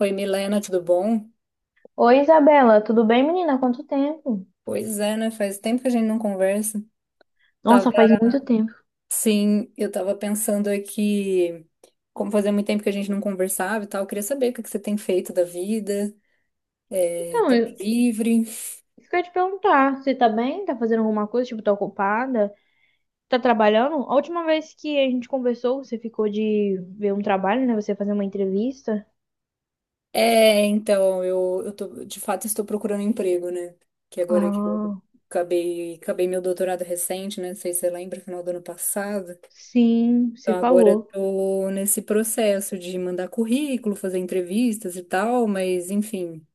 Oi, Milena, tudo bom? Oi, Isabela, tudo bem, menina? Quanto tempo? Pois é, né? Faz tempo que a gente não conversa. Tava, Nossa, faz muito tempo. sim, eu tava pensando aqui, como fazia muito tempo que a gente não conversava e tal, eu queria saber o que que você tem feito da vida, Então, tempo eu livre. isso que eu ia te perguntar, você tá bem? Tá fazendo alguma coisa? Tipo, tá ocupada? Tá trabalhando? A última vez que a gente conversou, você ficou de ver um trabalho, né? Você fazer uma entrevista. Então, de fato, estou procurando emprego, né? Que agora que eu Ah, acabei meu doutorado recente, né? Não sei se você lembra, final do ano passado. sim, você Então, agora eu falou. tô nesse processo de mandar currículo, fazer entrevistas e tal, mas, enfim.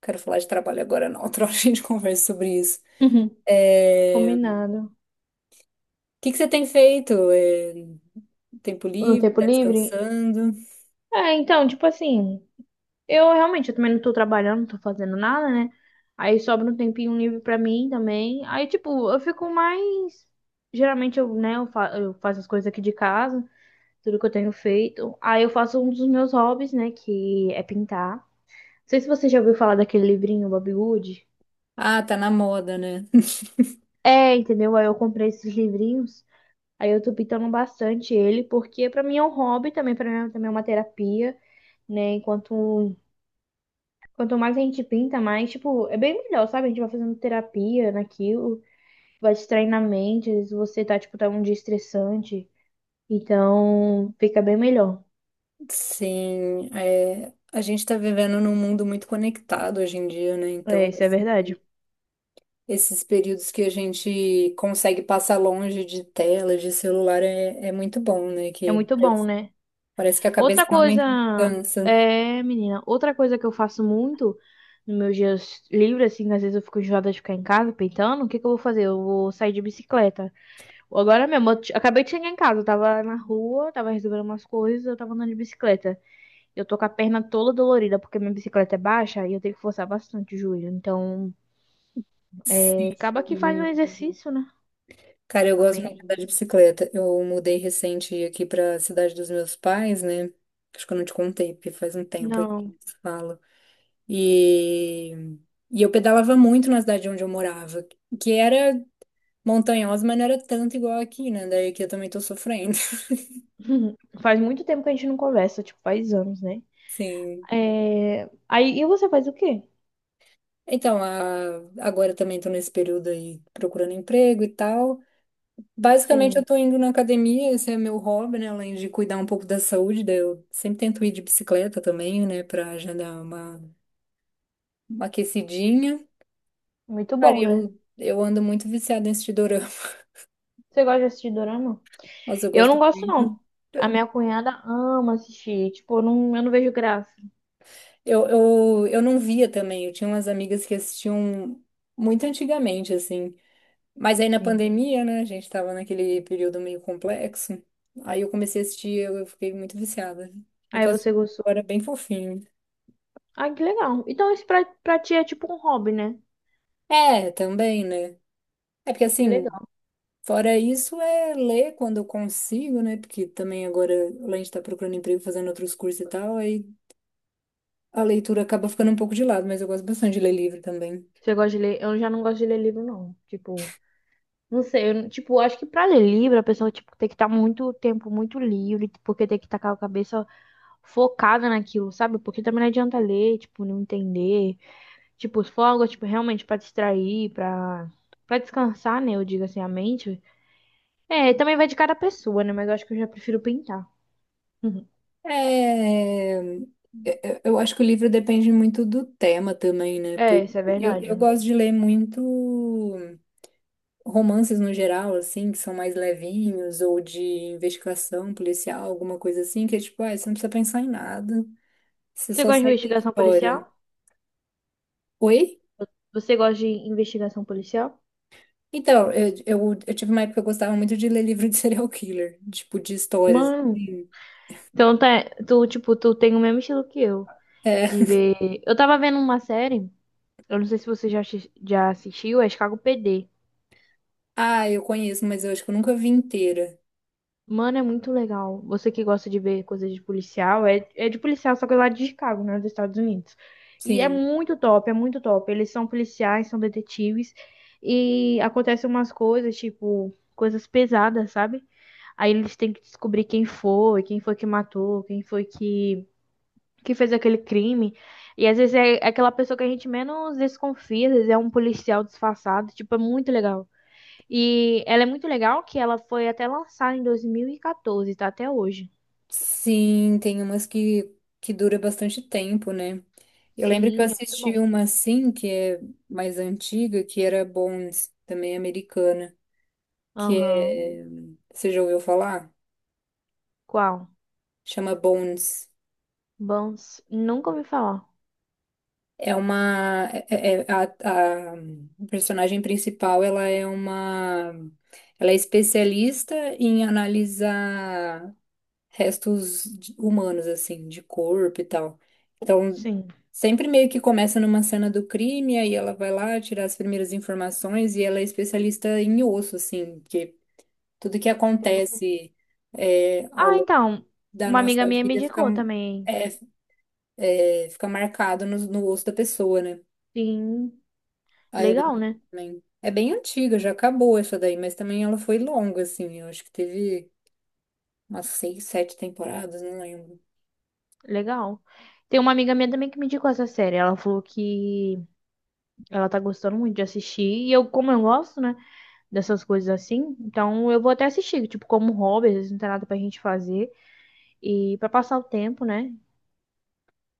Quero falar de trabalho agora, não. Outra hora a gente conversa sobre isso. Uhum. O Combinado. que que você tem feito? Tempo No livre? tempo Tá livre? descansando? Tipo assim, eu realmente, eu também não tô trabalhando, não tô fazendo nada, né? Aí sobra um tempinho livre pra mim também. Aí, tipo, eu fico mais. Geralmente eu, né, eu, fa- eu faço as coisas aqui de casa, tudo que eu tenho feito. Aí eu faço um dos meus hobbies, né, que é pintar. Não sei se você já ouviu falar daquele livrinho, Bob Wood. Ah, tá na moda, né? É, entendeu? Aí eu comprei esses livrinhos. Aí eu tô pintando bastante ele, porque pra mim é um hobby também, pra mim é também é uma terapia, né? Enquanto Quanto mais a gente pinta, mais, tipo, é bem melhor, sabe? A gente vai fazendo terapia naquilo, vai distraindo a mente, às vezes você tá um dia estressante, então fica bem melhor. Sim, a gente está vivendo num mundo muito conectado hoje em dia, né? É, Então, isso é verdade. esses períodos que a gente consegue passar longe de tela, de celular, é muito bom, né? É Que muito bom, né? parece que a cabeça Outra coisa, realmente cansa. Menina, outra coisa que eu faço muito nos meus dias livres, assim, às vezes eu fico enjoada de ficar em casa pintando, o que que eu vou fazer? Eu vou sair de bicicleta. Agora mesmo, acabei de chegar em casa, eu tava na rua, tava resolvendo umas coisas, eu tava andando de bicicleta. Eu tô com a perna toda dolorida porque minha bicicleta é baixa e eu tenho que forçar bastante o joelho. Então, acaba que faz um Sim. exercício, né? Cara, eu gosto muito de andar de Amém? bicicleta. Eu mudei recente aqui pra cidade dos meus pais, né? Acho que eu não te contei, porque faz um tempo aí que Não. eu te falo. E... e eu pedalava muito na cidade onde eu morava, que era montanhosa, mas não era tanto igual aqui, né? Daí aqui eu também tô sofrendo. Faz muito tempo que a gente não conversa, tipo, faz anos, né? Sim. E você faz o quê? Então, agora eu também tô nesse período aí procurando emprego e tal. Basicamente, eu Sim, tô indo na academia, esse é meu hobby, né? Além de cuidar um pouco da saúde, daí eu sempre tento ir de bicicleta também, né? Pra já dar uma aquecidinha. muito Cara, bom, né? eu ando muito viciada em assistir dorama. Você gosta de assistir dorama? Nossa, eu Eu não gosto gosto, muito. não. A minha cunhada ama assistir. Tipo, eu não vejo graça. Eu não via também, eu tinha umas amigas que assistiam muito antigamente, assim. Mas aí na Sim. pandemia, né? A gente tava naquele período meio complexo. Aí eu comecei a assistir, eu fiquei muito viciada. Eu Aí tô você assistindo gostou. agora bem fofinho. Ah, que legal. Então, isso pra ti é tipo um hobby, né? É, também, né? É porque Que assim. legal. Fora isso, é ler quando eu consigo, né? Porque também agora, além de estar procurando emprego, fazendo outros cursos e tal, aí a leitura acaba ficando um pouco de lado, mas eu gosto bastante de ler livro também. Você gosta de ler? Eu já não gosto de ler livro, não. Tipo, não sei, eu, não- tipo, acho que pra ler livro, a pessoa, tipo, tem que estar muito tempo muito livre, porque tem que estar com a cabeça focada naquilo, sabe? Porque também não adianta ler, tipo, não entender. Tipo, se for algo, tipo, realmente pra distrair, pra descansar, né? Eu digo assim, a mente. É, também vai de cada pessoa, né? Mas eu acho que eu já prefiro pintar. Uhum. É... eu acho que o livro depende muito do tema também, né? É, Porque isso é eu, verdade. eu gosto de ler muito romances no geral, assim, que são mais levinhos, ou de investigação policial, alguma coisa assim, que é tipo, ah, você não precisa pensar em nada, você Você só gosta de segue a investigação história. policial? Oi? Você gosta de investigação policial? Então, eu tive uma época que eu gostava muito de ler livro de serial killer, tipo, de histórias, Mano, assim. então tá, tu, tipo, tu tem o mesmo estilo que eu. É. De ver. Eu tava vendo uma série. Eu não sei se você já, já assistiu, é Chicago PD. Ah, eu conheço, mas eu acho que eu nunca vi inteira. Mano, é muito legal. Você que gosta de ver coisas de policial, é de policial, só que lá de Chicago, né, dos Estados Unidos. E é Sim. muito top, é muito top. Eles são policiais, são detetives, e acontecem umas coisas, tipo, coisas pesadas, sabe? Aí eles têm que descobrir quem foi que matou, que fez aquele crime. E às vezes é aquela pessoa que a gente menos desconfia, às vezes é um policial disfarçado. Tipo, é muito legal. E ela é muito legal que ela foi até lançada em 2014, tá até hoje. Sim, tem umas que dura bastante tempo, né? Eu lembro que eu Sim, é muito assisti bom. uma assim, que é mais antiga, que era Bones, também americana, que Aham. é... Você já ouviu falar? Qual? Chama Bones. Bons. Nunca ouvi falar. É uma é- é- é, a personagem principal, ela é especialista em analisar restos humanos assim, de corpo e tal. Então, Sim. sempre meio que começa numa cena do crime, aí ela vai lá tirar as primeiras informações e ela é especialista em osso assim, porque tudo que É bom. acontece ao Ah, longo então. da Uma amiga nossa minha me vida indicou também. é, fica marcado no osso da pessoa, né? Sim. Ai, é bem Legal, antiga né? também. É bem antiga, já acabou essa daí, mas também ela foi longa, assim. Eu acho que teve umas seis, sete temporadas, não lembro. Legal. Tem uma amiga minha também que me indicou essa série. Ela falou que ela tá gostando muito de assistir. E eu, como eu gosto, né? Dessas coisas assim. Então eu vou até assistir. Tipo, como hobby, às vezes não tem nada pra gente fazer. E pra passar o tempo, né?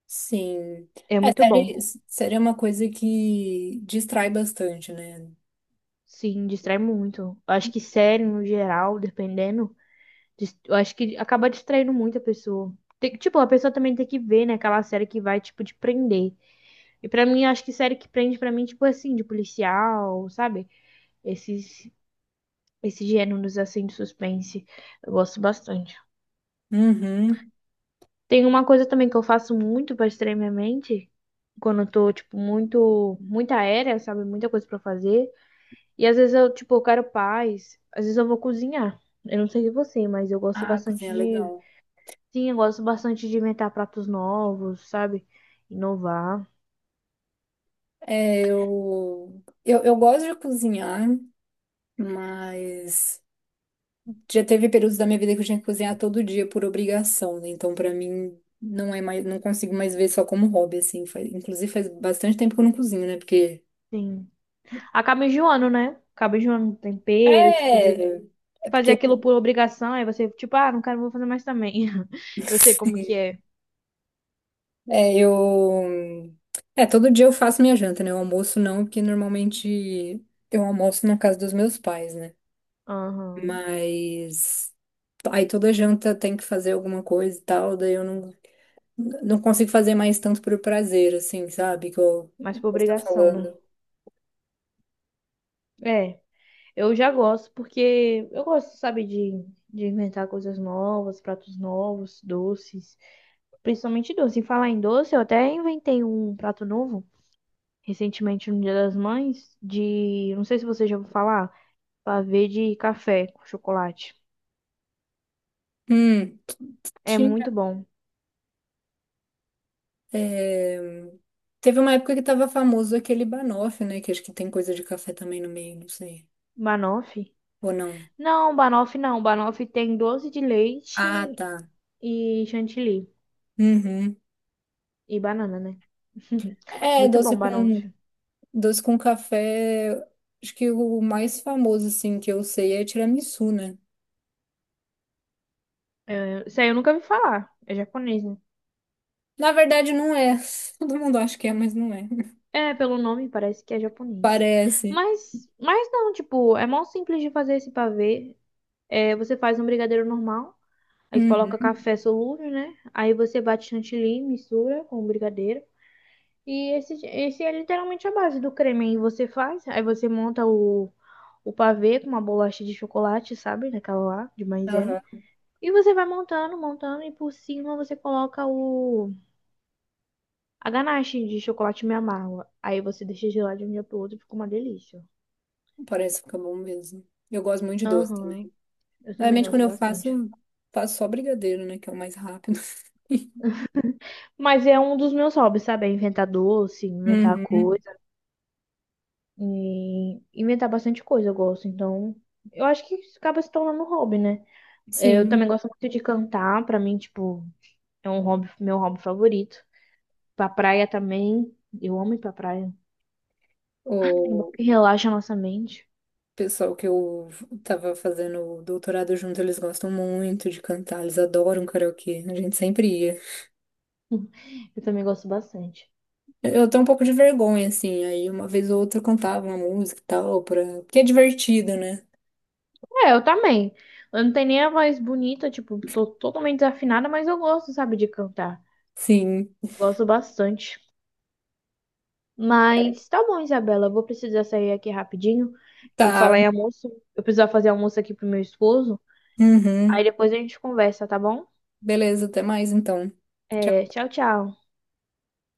Sim. É É, muito bom. série, série é uma coisa que distrai bastante, né? Sim, distrai muito. Eu acho que série, no geral, dependendo, eu acho que acaba distraindo muito a pessoa. Tipo, a pessoa também tem que ver, né, aquela série que vai, tipo, te prender. E pra mim, eu acho que série que prende pra mim, tipo assim, de policial, sabe? Esses, esses gêneros, assim, de suspense. Eu gosto bastante. Uhum. Tem uma coisa também que eu faço muito pra distrair minha mente, quando eu tô, tipo, muito aérea, sabe? Muita coisa pra fazer. E às vezes eu, tipo, eu quero paz. Às vezes eu vou cozinhar. Eu não sei de você, mas eu gosto Ah, cozinha bastante é de. legal. Sim, eu gosto bastante de inventar pratos novos, sabe? Inovar. Eu gosto de cozinhar, mas. Já teve períodos da minha vida que eu tinha que cozinhar todo dia por obrigação, né? Então, pra mim, não é mais, não consigo mais ver só como hobby, assim. Inclusive, faz bastante tempo que eu não cozinho, né? Porque. Sim. Acaba enjoando, né? Acaba enjoando do tempero, tipo, de É. É fazer porque. aquilo por obrigação. Aí você, tipo, ah, não quero, vou fazer mais também. Eu sei como que é. É, eu. Todo dia eu faço minha janta, né? O almoço não, porque normalmente eu almoço na casa dos meus pais, né? Aham. Mas. Aí toda janta tem que fazer alguma coisa e tal, daí eu não, consigo fazer mais tanto por prazer, assim, sabe? Que Mas que por você tá obrigação, né? falando. É. Eu já gosto, porque eu gosto, sabe, de inventar coisas novas, pratos novos, doces, principalmente doce. Em falar em doce, eu até inventei um prato novo recentemente no Dia das Mães, de, não sei se você já ouviu falar, pavê de café com chocolate. Hum, É muito tinha. bom. é, Teve uma época que tava famoso aquele banoffee, né? Que acho que tem coisa de café também no meio, não sei. Banoffee? Ou não? Não, banoffee não. Banoffee tem doce de leite Ah, tá. e chantilly. Uhum. E banana, né? É, Muito doce bom, com, banoffee. doce com café. Acho que o mais famoso, assim, que eu sei é tiramisu, né? É, isso aí eu nunca vi falar. É japonês, né? Na verdade, não é. Todo mundo acha que é, mas não é. É, pelo nome parece que é japonês. Parece. Mas não, tipo, é mó simples de fazer esse pavê. É, você faz um brigadeiro normal, aí coloca Uhum. café solúvel, né? Aí você bate chantilly, mistura com o brigadeiro. E esse é literalmente a base do creme. Aí você faz, aí você monta o pavê com uma bolacha de chocolate, sabe? Daquela lá, de maisena. Aham. E você vai montando, montando, e por cima você coloca a ganache de chocolate meio amargo. Aí você deixa gelar de um dia pro outro, fica uma delícia. Parece ficar bom mesmo. Eu gosto muito de doce Aham, também. eu também Normalmente, quando gosto eu bastante. faço só brigadeiro, né? Que é o mais rápido. Mas é um dos meus hobbies, sabe? É inventar doce, inventar Uhum. coisa, e inventar bastante coisa eu gosto. Então, eu acho que isso acaba se tornando um hobby, né? Eu também Sim, gosto muito de cantar, pra mim, tipo, é um hobby, meu hobby favorito. Pra praia também, eu amo ir pra praia. É bom o que relaxa a nossa mente. pessoal que eu tava fazendo o doutorado junto, eles gostam muito de cantar, eles adoram karaokê, a gente sempre ia. Eu também gosto bastante. Eu tenho um pouco de vergonha, assim, aí uma vez ou outra eu cantava uma música e tal, porque é divertido, né? É, eu também. Eu não tenho nem a voz bonita, tipo, tô totalmente desafinada, mas eu gosto, sabe, de cantar. Sim, Gosto bastante. Mas tá bom, Isabela. Eu vou precisar sair aqui rapidinho. Eu falar tá. em almoço. Eu preciso fazer almoço aqui pro meu esposo. Aí Uhum. depois a gente conversa, tá bom? Beleza, até mais então. É, tchau, tchau.